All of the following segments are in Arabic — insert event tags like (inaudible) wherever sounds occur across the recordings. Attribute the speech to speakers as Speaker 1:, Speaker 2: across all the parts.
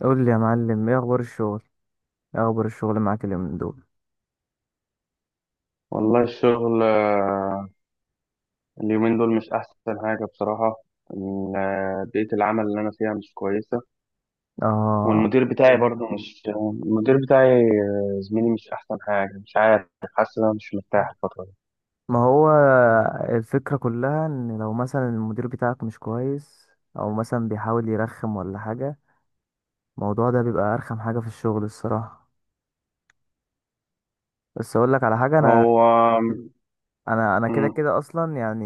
Speaker 1: قول لي يا معلم ايه اخبار الشغل؟ ايه اخبار الشغل معاك اليومين دول؟
Speaker 2: والله الشغل، اليومين دول مش أحسن حاجة بصراحة. بيئة العمل اللي أنا فيها مش كويسة.
Speaker 1: اه.
Speaker 2: والمدير بتاعي برضه مش، المدير بتاعي زميلي مش أحسن حاجة، مش عارف، حاسس إن أنا مش مرتاح الفترة دي.
Speaker 1: ما هو الفكرة كلها ان لو مثلا المدير بتاعك مش كويس او مثلا بيحاول يرخم ولا حاجة، الموضوع ده بيبقى ارخم حاجة في الشغل الصراحة. بس اقول لك على حاجة، انا
Speaker 2: هو
Speaker 1: انا انا كده
Speaker 2: مم،
Speaker 1: كده اصلا يعني.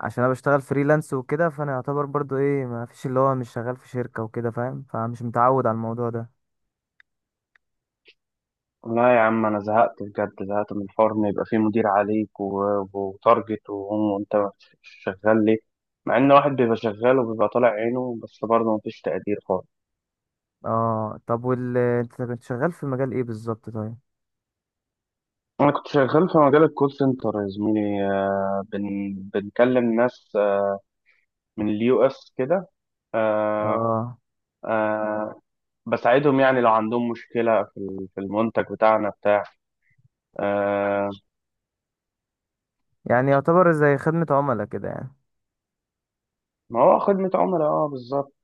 Speaker 1: عشان انا بشتغل فريلانس وكده، فانا يعتبر برضو ايه، ما فيش، اللي هو مش شغال في شركة وكده فاهم، فمش متعود على الموضوع ده.
Speaker 2: لا يا عم، أنا زهقت بجد، زهقت من الحوار إن يبقى فيه مدير عليك وتارجت وأنت مش شغال ليه، مع إن واحد بيبقى شغال وبيبقى طالع عينه بس برضه مفيش تقدير خالص.
Speaker 1: اه طب، انت كنت شغال في مجال ايه بالظبط طيب؟
Speaker 2: أنا كنت شغال في مجال الكول سنتر يا زميلي، آه، بن بنكلم ناس من اليو اس كده. آه،
Speaker 1: اه.
Speaker 2: آه، بساعدهم، يعني لو عندهم مشكلة في في المنتج بتاعنا بتاع آه،
Speaker 1: يعني يعتبر زي خدمة عملاء كده يعني؟
Speaker 2: ما هو خدمة عملاء، اه، بالظبط.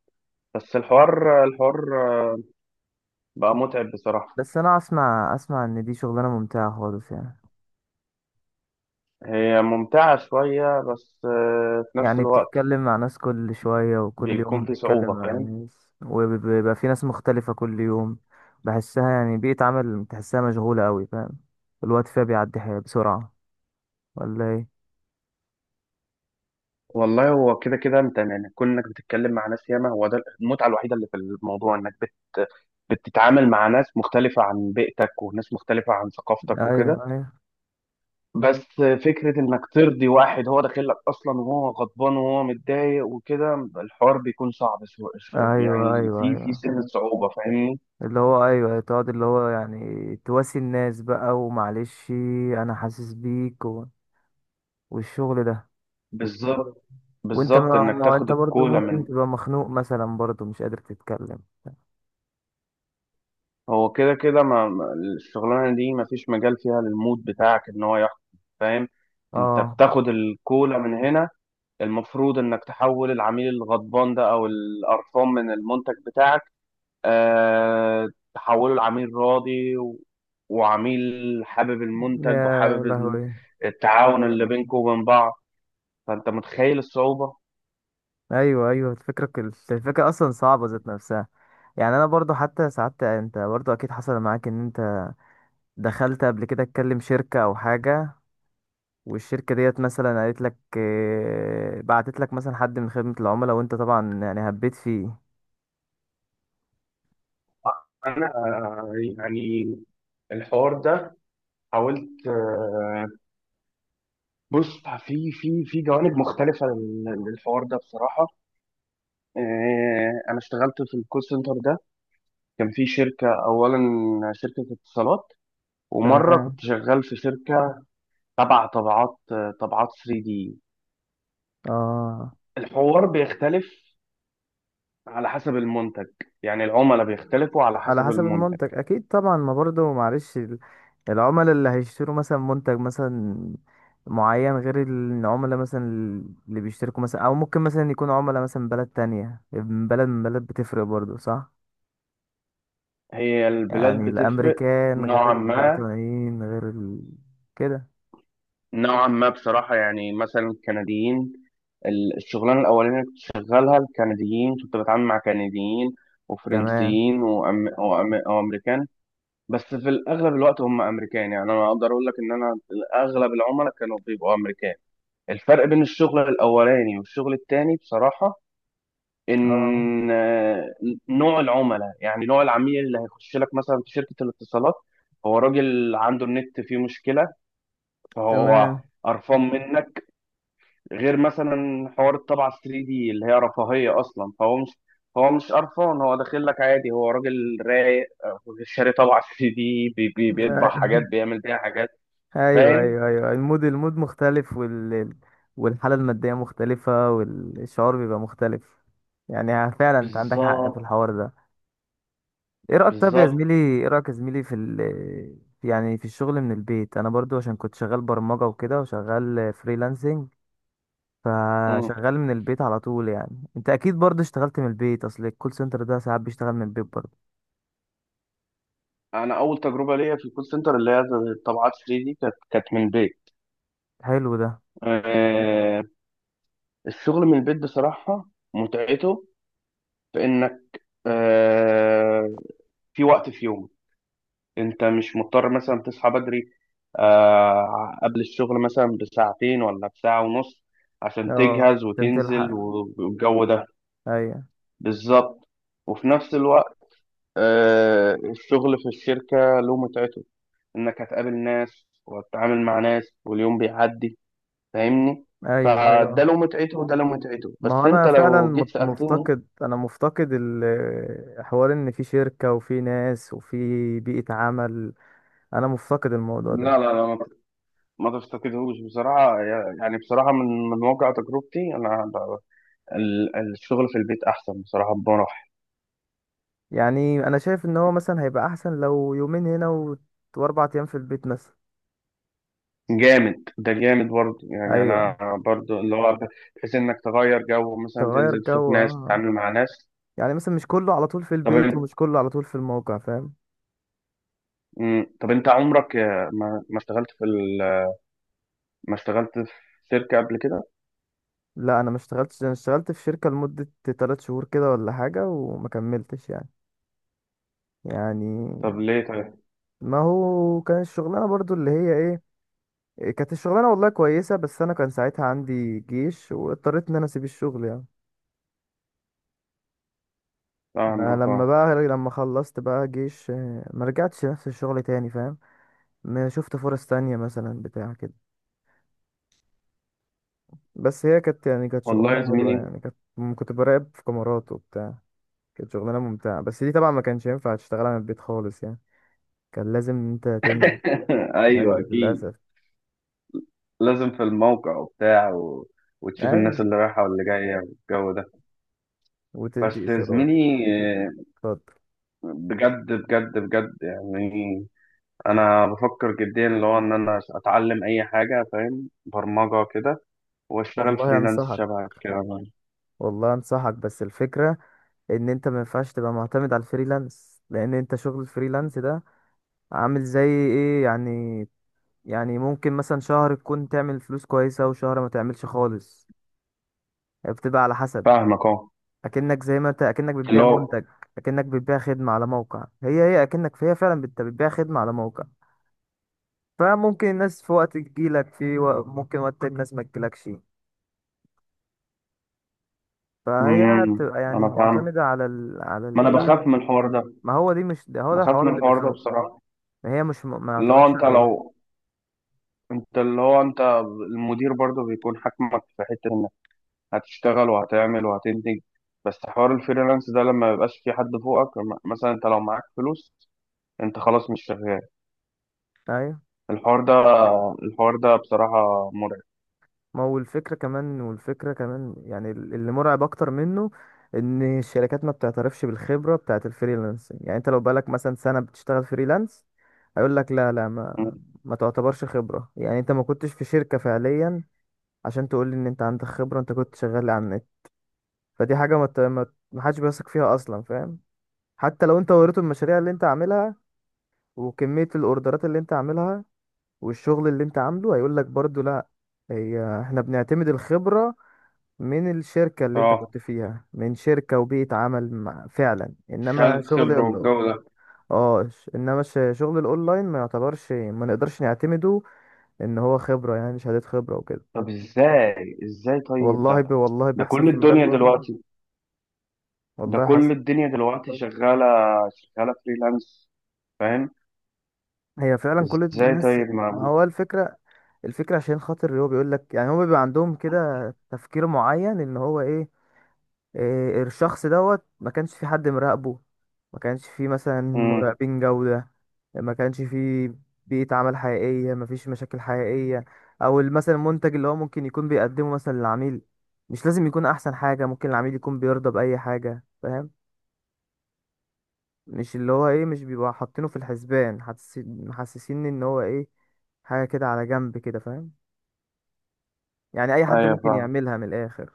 Speaker 2: بس الحوار بقى متعب بصراحة.
Speaker 1: بس انا اسمع ان دي شغلانة ممتعة خالص يعني.
Speaker 2: هي ممتعة شوية بس في نفس
Speaker 1: يعني
Speaker 2: الوقت
Speaker 1: بتتكلم مع ناس كل شوية، وكل
Speaker 2: بيكون
Speaker 1: يوم
Speaker 2: في
Speaker 1: بتتكلم
Speaker 2: صعوبة،
Speaker 1: مع
Speaker 2: فاهم؟
Speaker 1: ناس، وبيبقى في ناس مختلفة كل يوم. بحسها يعني بيئة عمل، تحسها مشغولة قوي فاهم، الوقت فيها بيعدي بسرعة، ولا ايه؟
Speaker 2: والله هو كده كده انت، يعني كون انك بتتكلم مع ناس ياما، هو ده المتعه الوحيده اللي في الموضوع، انك بتتعامل مع ناس مختلفه عن بيئتك وناس مختلفه عن ثقافتك
Speaker 1: ايوه،
Speaker 2: وكده.
Speaker 1: ايوه،
Speaker 2: بس فكره انك ترضي واحد هو داخل لك اصلا وهو غضبان وهو متضايق وكده، الحوار بيكون صعب
Speaker 1: ايوه،
Speaker 2: يعني
Speaker 1: ايوه،
Speaker 2: في في
Speaker 1: ايوه،
Speaker 2: سن صعوبه، فاهمني؟
Speaker 1: اللي هو ايوه، تقعد اللي هو يعني تواسي الناس بقى ومعلش. انا حاسس بيك والشغل ده.
Speaker 2: بالظبط،
Speaker 1: وانت
Speaker 2: بالظبط،
Speaker 1: ما
Speaker 2: انك
Speaker 1: ما
Speaker 2: تاخد
Speaker 1: انت برضو
Speaker 2: الكولا
Speaker 1: ممكن
Speaker 2: من،
Speaker 1: تبقى مخنوق مثلا، برضو مش قادر تتكلم.
Speaker 2: هو كده كده الشغلانه دي ما فيش مجال فيها للمود بتاعك ان هو يحكم، فاهم. انت
Speaker 1: اه.
Speaker 2: بتاخد الكولا من هنا، المفروض انك تحول العميل الغضبان ده او القرفان من المنتج بتاعك، أه، تحوله لعميل راضي وعميل حابب المنتج
Speaker 1: يا
Speaker 2: وحابب
Speaker 1: لهوي.
Speaker 2: التعاون اللي بينكم وبين بعض. فانت متخيل الصعوبه.
Speaker 1: ايوه ايوه، الفكره اصلا صعبه ذات نفسها. يعني انا برضو حتى ساعات، انت برضو اكيد حصل معاك، ان انت دخلت قبل كده تكلم شركه او حاجه، والشركه ديت مثلا قالت لك بعتت لك مثلا حد من خدمه العملاء، وانت طبعا يعني هبيت فيه.
Speaker 2: انا يعني الحوار ده حاولت، بص في جوانب مختلفة للحوار ده بصراحة. أنا اشتغلت في الكول سنتر ده، كان في شركة أولا شركة اتصالات، ومرة
Speaker 1: تمام.
Speaker 2: كنت شغال في شركة تبع طبعات 3D.
Speaker 1: اه.
Speaker 2: الحوار بيختلف على حسب المنتج، يعني العملاء بيختلفوا على
Speaker 1: على
Speaker 2: حسب
Speaker 1: حسب
Speaker 2: المنتج.
Speaker 1: المنتج اكيد طبعا، ما برضه معلش العملاء اللي هيشتروا مثلا منتج مثلا معين، غير العملاء مثلا اللي بيشتركوا مثلا، او ممكن مثلا يكون عملاء مثلا بلد تانية، من بلد من بلد بتفرق برضه صح.
Speaker 2: هي البلاد
Speaker 1: يعني
Speaker 2: بتفرق
Speaker 1: الامريكان غير
Speaker 2: نوعا ما،
Speaker 1: البريطانيين غير كده.
Speaker 2: نوعا ما بصراحة، يعني مثلا الكنديين، الشغلانة الأولانية اللي كنت شغالها الكنديين، كنت بتعامل مع كنديين
Speaker 1: تمام.
Speaker 2: وفرنسيين وأمريكان. بس في الأغلب الوقت هم أمريكان، يعني أنا أقدر أقول لك إن أنا أغلب العملاء كانوا بيبقوا أمريكان. الفرق بين الشغل الأولاني والشغل التاني بصراحة
Speaker 1: اه.
Speaker 2: إن نوع العملاء، يعني نوع العميل اللي هيخش لك مثلا في شركة الاتصالات هو راجل عنده النت فيه مشكلة فهو
Speaker 1: تمام.
Speaker 2: قرفان منك، غير مثلا حوار الطبعة 3 دي اللي هي رفاهية أصلا، فهو مش، هو مش قرفان، هو داخل لك عادي، هو راجل رايق، شاري طبعة 3 دي بي بي بيطبع حاجات،
Speaker 1: (laughs)
Speaker 2: بيعمل بيها حاجات،
Speaker 1: ايوه
Speaker 2: فاهم.
Speaker 1: ايوه ايوه، المود مختلف، والحاله الماديه مختلفه، والشعور بيبقى مختلف. يعني فعلا انت عندك حق في
Speaker 2: بالظبط،
Speaker 1: الحوار ده. ايه رايك طب يا
Speaker 2: بالظبط.
Speaker 1: زميلي؟ ايه رايك يا زميلي في يعني في الشغل من البيت؟ انا برضو عشان كنت شغال برمجه وكده، وشغال فريلانسنج،
Speaker 2: مم.
Speaker 1: فشغال من البيت على طول، يعني انت اكيد برضو اشتغلت من البيت، اصل الكول سنتر ده ساعات بيشتغل من البيت برضو.
Speaker 2: أنا أول تجربة ليا في الكول سنتر اللي هي الطبعات 3 دي، كانت من البيت.
Speaker 1: حلو ده.
Speaker 2: آه، الشغل من البيت بصراحة متعته في إنك، آه، في وقت في يومك انت مش مضطر مثلا تصحى بدري، قبل الشغل مثلا بساعتين ولا بساعة ونص، عشان
Speaker 1: اه
Speaker 2: تجهز
Speaker 1: عشان
Speaker 2: وتنزل
Speaker 1: تلحق.
Speaker 2: والجو ده.
Speaker 1: ايوه
Speaker 2: بالظبط. وفي نفس الوقت الشغل في الشركة له متعته، انك هتقابل ناس وتتعامل مع ناس واليوم بيعدي، فاهمني.
Speaker 1: ايوه ايوه.
Speaker 2: فده له متعته وده له متعته،
Speaker 1: ما
Speaker 2: بس
Speaker 1: هو
Speaker 2: انت
Speaker 1: انا فعلا
Speaker 2: لو جيت سألتني،
Speaker 1: مفتقد حوار، ان في شركة وفي ناس وفي بيئة عمل. انا مفتقد الموضوع
Speaker 2: لا
Speaker 1: ده.
Speaker 2: لا لا، ما تفتقدهوش بصراحة، يعني بصراحة من من واقع تجربتي أنا الشغل في البيت احسن بصراحه بمراحل.
Speaker 1: يعني انا شايف ان هو مثلا هيبقى احسن لو يومين هنا واربع ايام في البيت مثلا.
Speaker 2: جامد ده، جامد برضه، يعني
Speaker 1: ايوه.
Speaker 2: انا برضه اللي هو، بحيث انك تغير جو، مثلا
Speaker 1: تغير
Speaker 2: تنزل تشوف
Speaker 1: جو،
Speaker 2: ناس
Speaker 1: اه.
Speaker 2: تتعامل مع ناس.
Speaker 1: يعني مثلا مش كله على طول في
Speaker 2: طب
Speaker 1: البيت،
Speaker 2: انت
Speaker 1: ومش كله على طول في الموقع، فاهم.
Speaker 2: مم. طب انت عمرك ما اشتغلت في ما اشتغلت في شركه قبل كده؟
Speaker 1: لا انا ما اشتغلتش، انا اشتغلت في شركة لمدة 3 شهور كده ولا حاجة، وما كملتش يعني. يعني.
Speaker 2: طب ليه طيب؟
Speaker 1: ما هو كان الشغلانة برضو اللي هي ايه، كانت الشغلانة والله كويسة، بس أنا كان ساعتها عندي جيش، واضطريت إن أنا أسيب الشغل يعني. ده
Speaker 2: فاهمك،
Speaker 1: لما
Speaker 2: اه.
Speaker 1: بقى، لما خلصت بقى جيش، ما رجعتش نفس الشغل تاني فاهم، ما شفت فرص تانية مثلا بتاع كده. بس هي كانت يعني كانت
Speaker 2: والله
Speaker 1: شغلانة
Speaker 2: يا
Speaker 1: حلوة،
Speaker 2: زميلي،
Speaker 1: يعني كانت كنت براقب في كاميرات وبتاع، كانت شغلانة ممتعة، بس دي طبعا ما كانش ينفع تشتغلها من البيت خالص يعني، كان لازم إن أنت تنزل.
Speaker 2: (laughs) ايوه
Speaker 1: أيوة
Speaker 2: اكيد.
Speaker 1: للأسف.
Speaker 2: لازم في الموقع وبتاع وتشوف الناس
Speaker 1: أيوة.
Speaker 2: اللي رايحه واللي جايه والجو ده.
Speaker 1: وتدي
Speaker 2: بس يا
Speaker 1: إشارات
Speaker 2: زميلي،
Speaker 1: وبتاع.
Speaker 2: آه،
Speaker 1: اتفضل.
Speaker 2: بجد بجد بجد يعني، انا بفكر جديا اللي هو ان انا اتعلم اي حاجه، فاهم، برمجه كده، واشتغل
Speaker 1: والله
Speaker 2: فريلانس
Speaker 1: أنصحك،
Speaker 2: شبه كده.
Speaker 1: والله أنصحك، بس الفكرة ان انت ما ينفعش تبقى معتمد على الفريلانس، لان انت شغل الفريلانس ده عامل زي ايه يعني، يعني ممكن مثلا شهر تكون تعمل فلوس كويسة، وشهر ما تعملش خالص، هي بتبقى على حسب.
Speaker 2: فاهمك، اه.
Speaker 1: اكنك زي ما انت اكنك
Speaker 2: اللي
Speaker 1: بتبيع
Speaker 2: هو،
Speaker 1: منتج، اكنك بتبيع خدمة على موقع، هي فعلا انت بتبيع خدمة على موقع. فممكن الناس في وقت تجيلك ممكن وقت تاني الناس ما تجيلكش، فهي بتبقى يعني
Speaker 2: انا فاهم،
Speaker 1: معتمدة على على
Speaker 2: ما انا
Speaker 1: الايه.
Speaker 2: بخاف من الحوار ده،
Speaker 1: ما هو دي مش ده، هو ده
Speaker 2: بخاف
Speaker 1: الحوار
Speaker 2: من
Speaker 1: اللي
Speaker 2: الحوار ده
Speaker 1: بيخوف.
Speaker 2: بصراحه.
Speaker 1: ما هي مش ما
Speaker 2: اللي هو
Speaker 1: يعتمدش
Speaker 2: انت
Speaker 1: عليها.
Speaker 2: لو، انت اللي هو، انت المدير برضه بيكون حاكمك في حته انك هتشتغل وهتعمل وهتنتج، بس حوار الفريلانس ده لما ميبقاش في حد فوقك، مثلا انت لو معاك فلوس انت خلاص مش شغال،
Speaker 1: ايوه.
Speaker 2: الحوار ده، الحوار ده بصراحه مرعب.
Speaker 1: ما هو الفكرة كمان، والفكرة كمان يعني اللي مرعب أكتر منه، إن الشركات ما بتعترفش بالخبرة بتاعة الفريلانسنج. يعني أنت لو بقالك مثلا سنة بتشتغل فريلانس، هيقول لك لا لا، ما تعتبرش خبرة، يعني أنت ما كنتش في شركة فعليا عشان تقول لي إن أنت عندك خبرة، أنت كنت شغال على النت، فدي حاجة ما ت- ما ما حدش بيثق فيها أصلا فاهم. حتى لو أنت وريته المشاريع اللي أنت عاملها، وكمية الأوردرات اللي أنت عاملها، والشغل اللي أنت عامله، هيقول لك برضه لا، هي احنا بنعتمد الخبرة من الشركة اللي انت
Speaker 2: اه،
Speaker 1: كنت فيها، من شركة وبيئة عمل فعلا، انما
Speaker 2: شهادة
Speaker 1: شغل
Speaker 2: خبرة والجو ده.
Speaker 1: اه، شغل الاونلاين ما يعتبرش، ما نقدرش نعتمده ان هو خبرة، يعني شهادة خبرة وكده.
Speaker 2: طب ازاي، ازاي طيب ده؟
Speaker 1: والله
Speaker 2: ده
Speaker 1: بيحصل
Speaker 2: كل
Speaker 1: في مجال
Speaker 2: الدنيا
Speaker 1: البرمجة،
Speaker 2: دلوقتي، ده
Speaker 1: والله
Speaker 2: كل
Speaker 1: حصل.
Speaker 2: الدنيا دلوقتي شغالة، شغالة فريلانس، فاهم.
Speaker 1: هي فعلا كل
Speaker 2: ازاي
Speaker 1: الناس.
Speaker 2: طيب؟
Speaker 1: ما
Speaker 2: ما
Speaker 1: هو الفكرة، الفكرة عشان خاطر هو بيقول لك يعني، هو بيبقى عندهم كده تفكير معين ان هو ايه، إيه، الشخص دوت ما كانش في حد مراقبه، ما كانش في مثلا
Speaker 2: امم،
Speaker 1: مراقبين جودة، ما كانش في بيئة عمل حقيقية، ما فيش مشاكل حقيقية، او مثلا المنتج اللي هو ممكن يكون بيقدمه مثلا للعميل مش لازم يكون احسن حاجة، ممكن العميل يكون بيرضى بأي حاجة فاهم، مش اللي هو ايه، مش بيبقى حاطينه في الحسبان، محسسين ان هو ايه، حاجة كده على جنب كده فاهم، يعني اي حد
Speaker 2: ايوه
Speaker 1: ممكن
Speaker 2: فاهم.
Speaker 1: يعملها من الاخر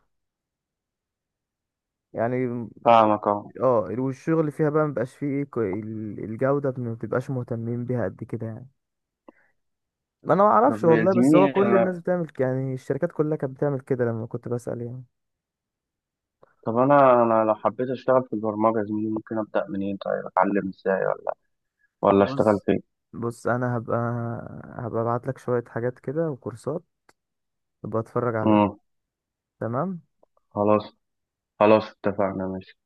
Speaker 1: يعني.
Speaker 2: فاهمك، اه.
Speaker 1: اه، والشغل فيها بقى مبقاش فيه ايه الجودة ما بتبقاش مهتمين بيها قد كده يعني. ما انا ما
Speaker 2: طب
Speaker 1: اعرفش
Speaker 2: يا
Speaker 1: والله، بس هو
Speaker 2: زميلي
Speaker 1: كل
Speaker 2: انا،
Speaker 1: الناس بتعمل يعني الشركات كلها كانت بتعمل كده لما كنت بسأل يعني.
Speaker 2: طب انا لو حبيت اشتغل في البرمجة يا زميلي ممكن ابدأ منين طيب؟ اتعلم ازاي ولا اشتغل
Speaker 1: بص
Speaker 2: فين؟
Speaker 1: بص، انا هبقى ابعت لك شوية حاجات كده وكورسات تبقى اتفرج عليها.
Speaker 2: امم،
Speaker 1: تمام.
Speaker 2: خلاص، خلاص، اتفقنا، ماشي.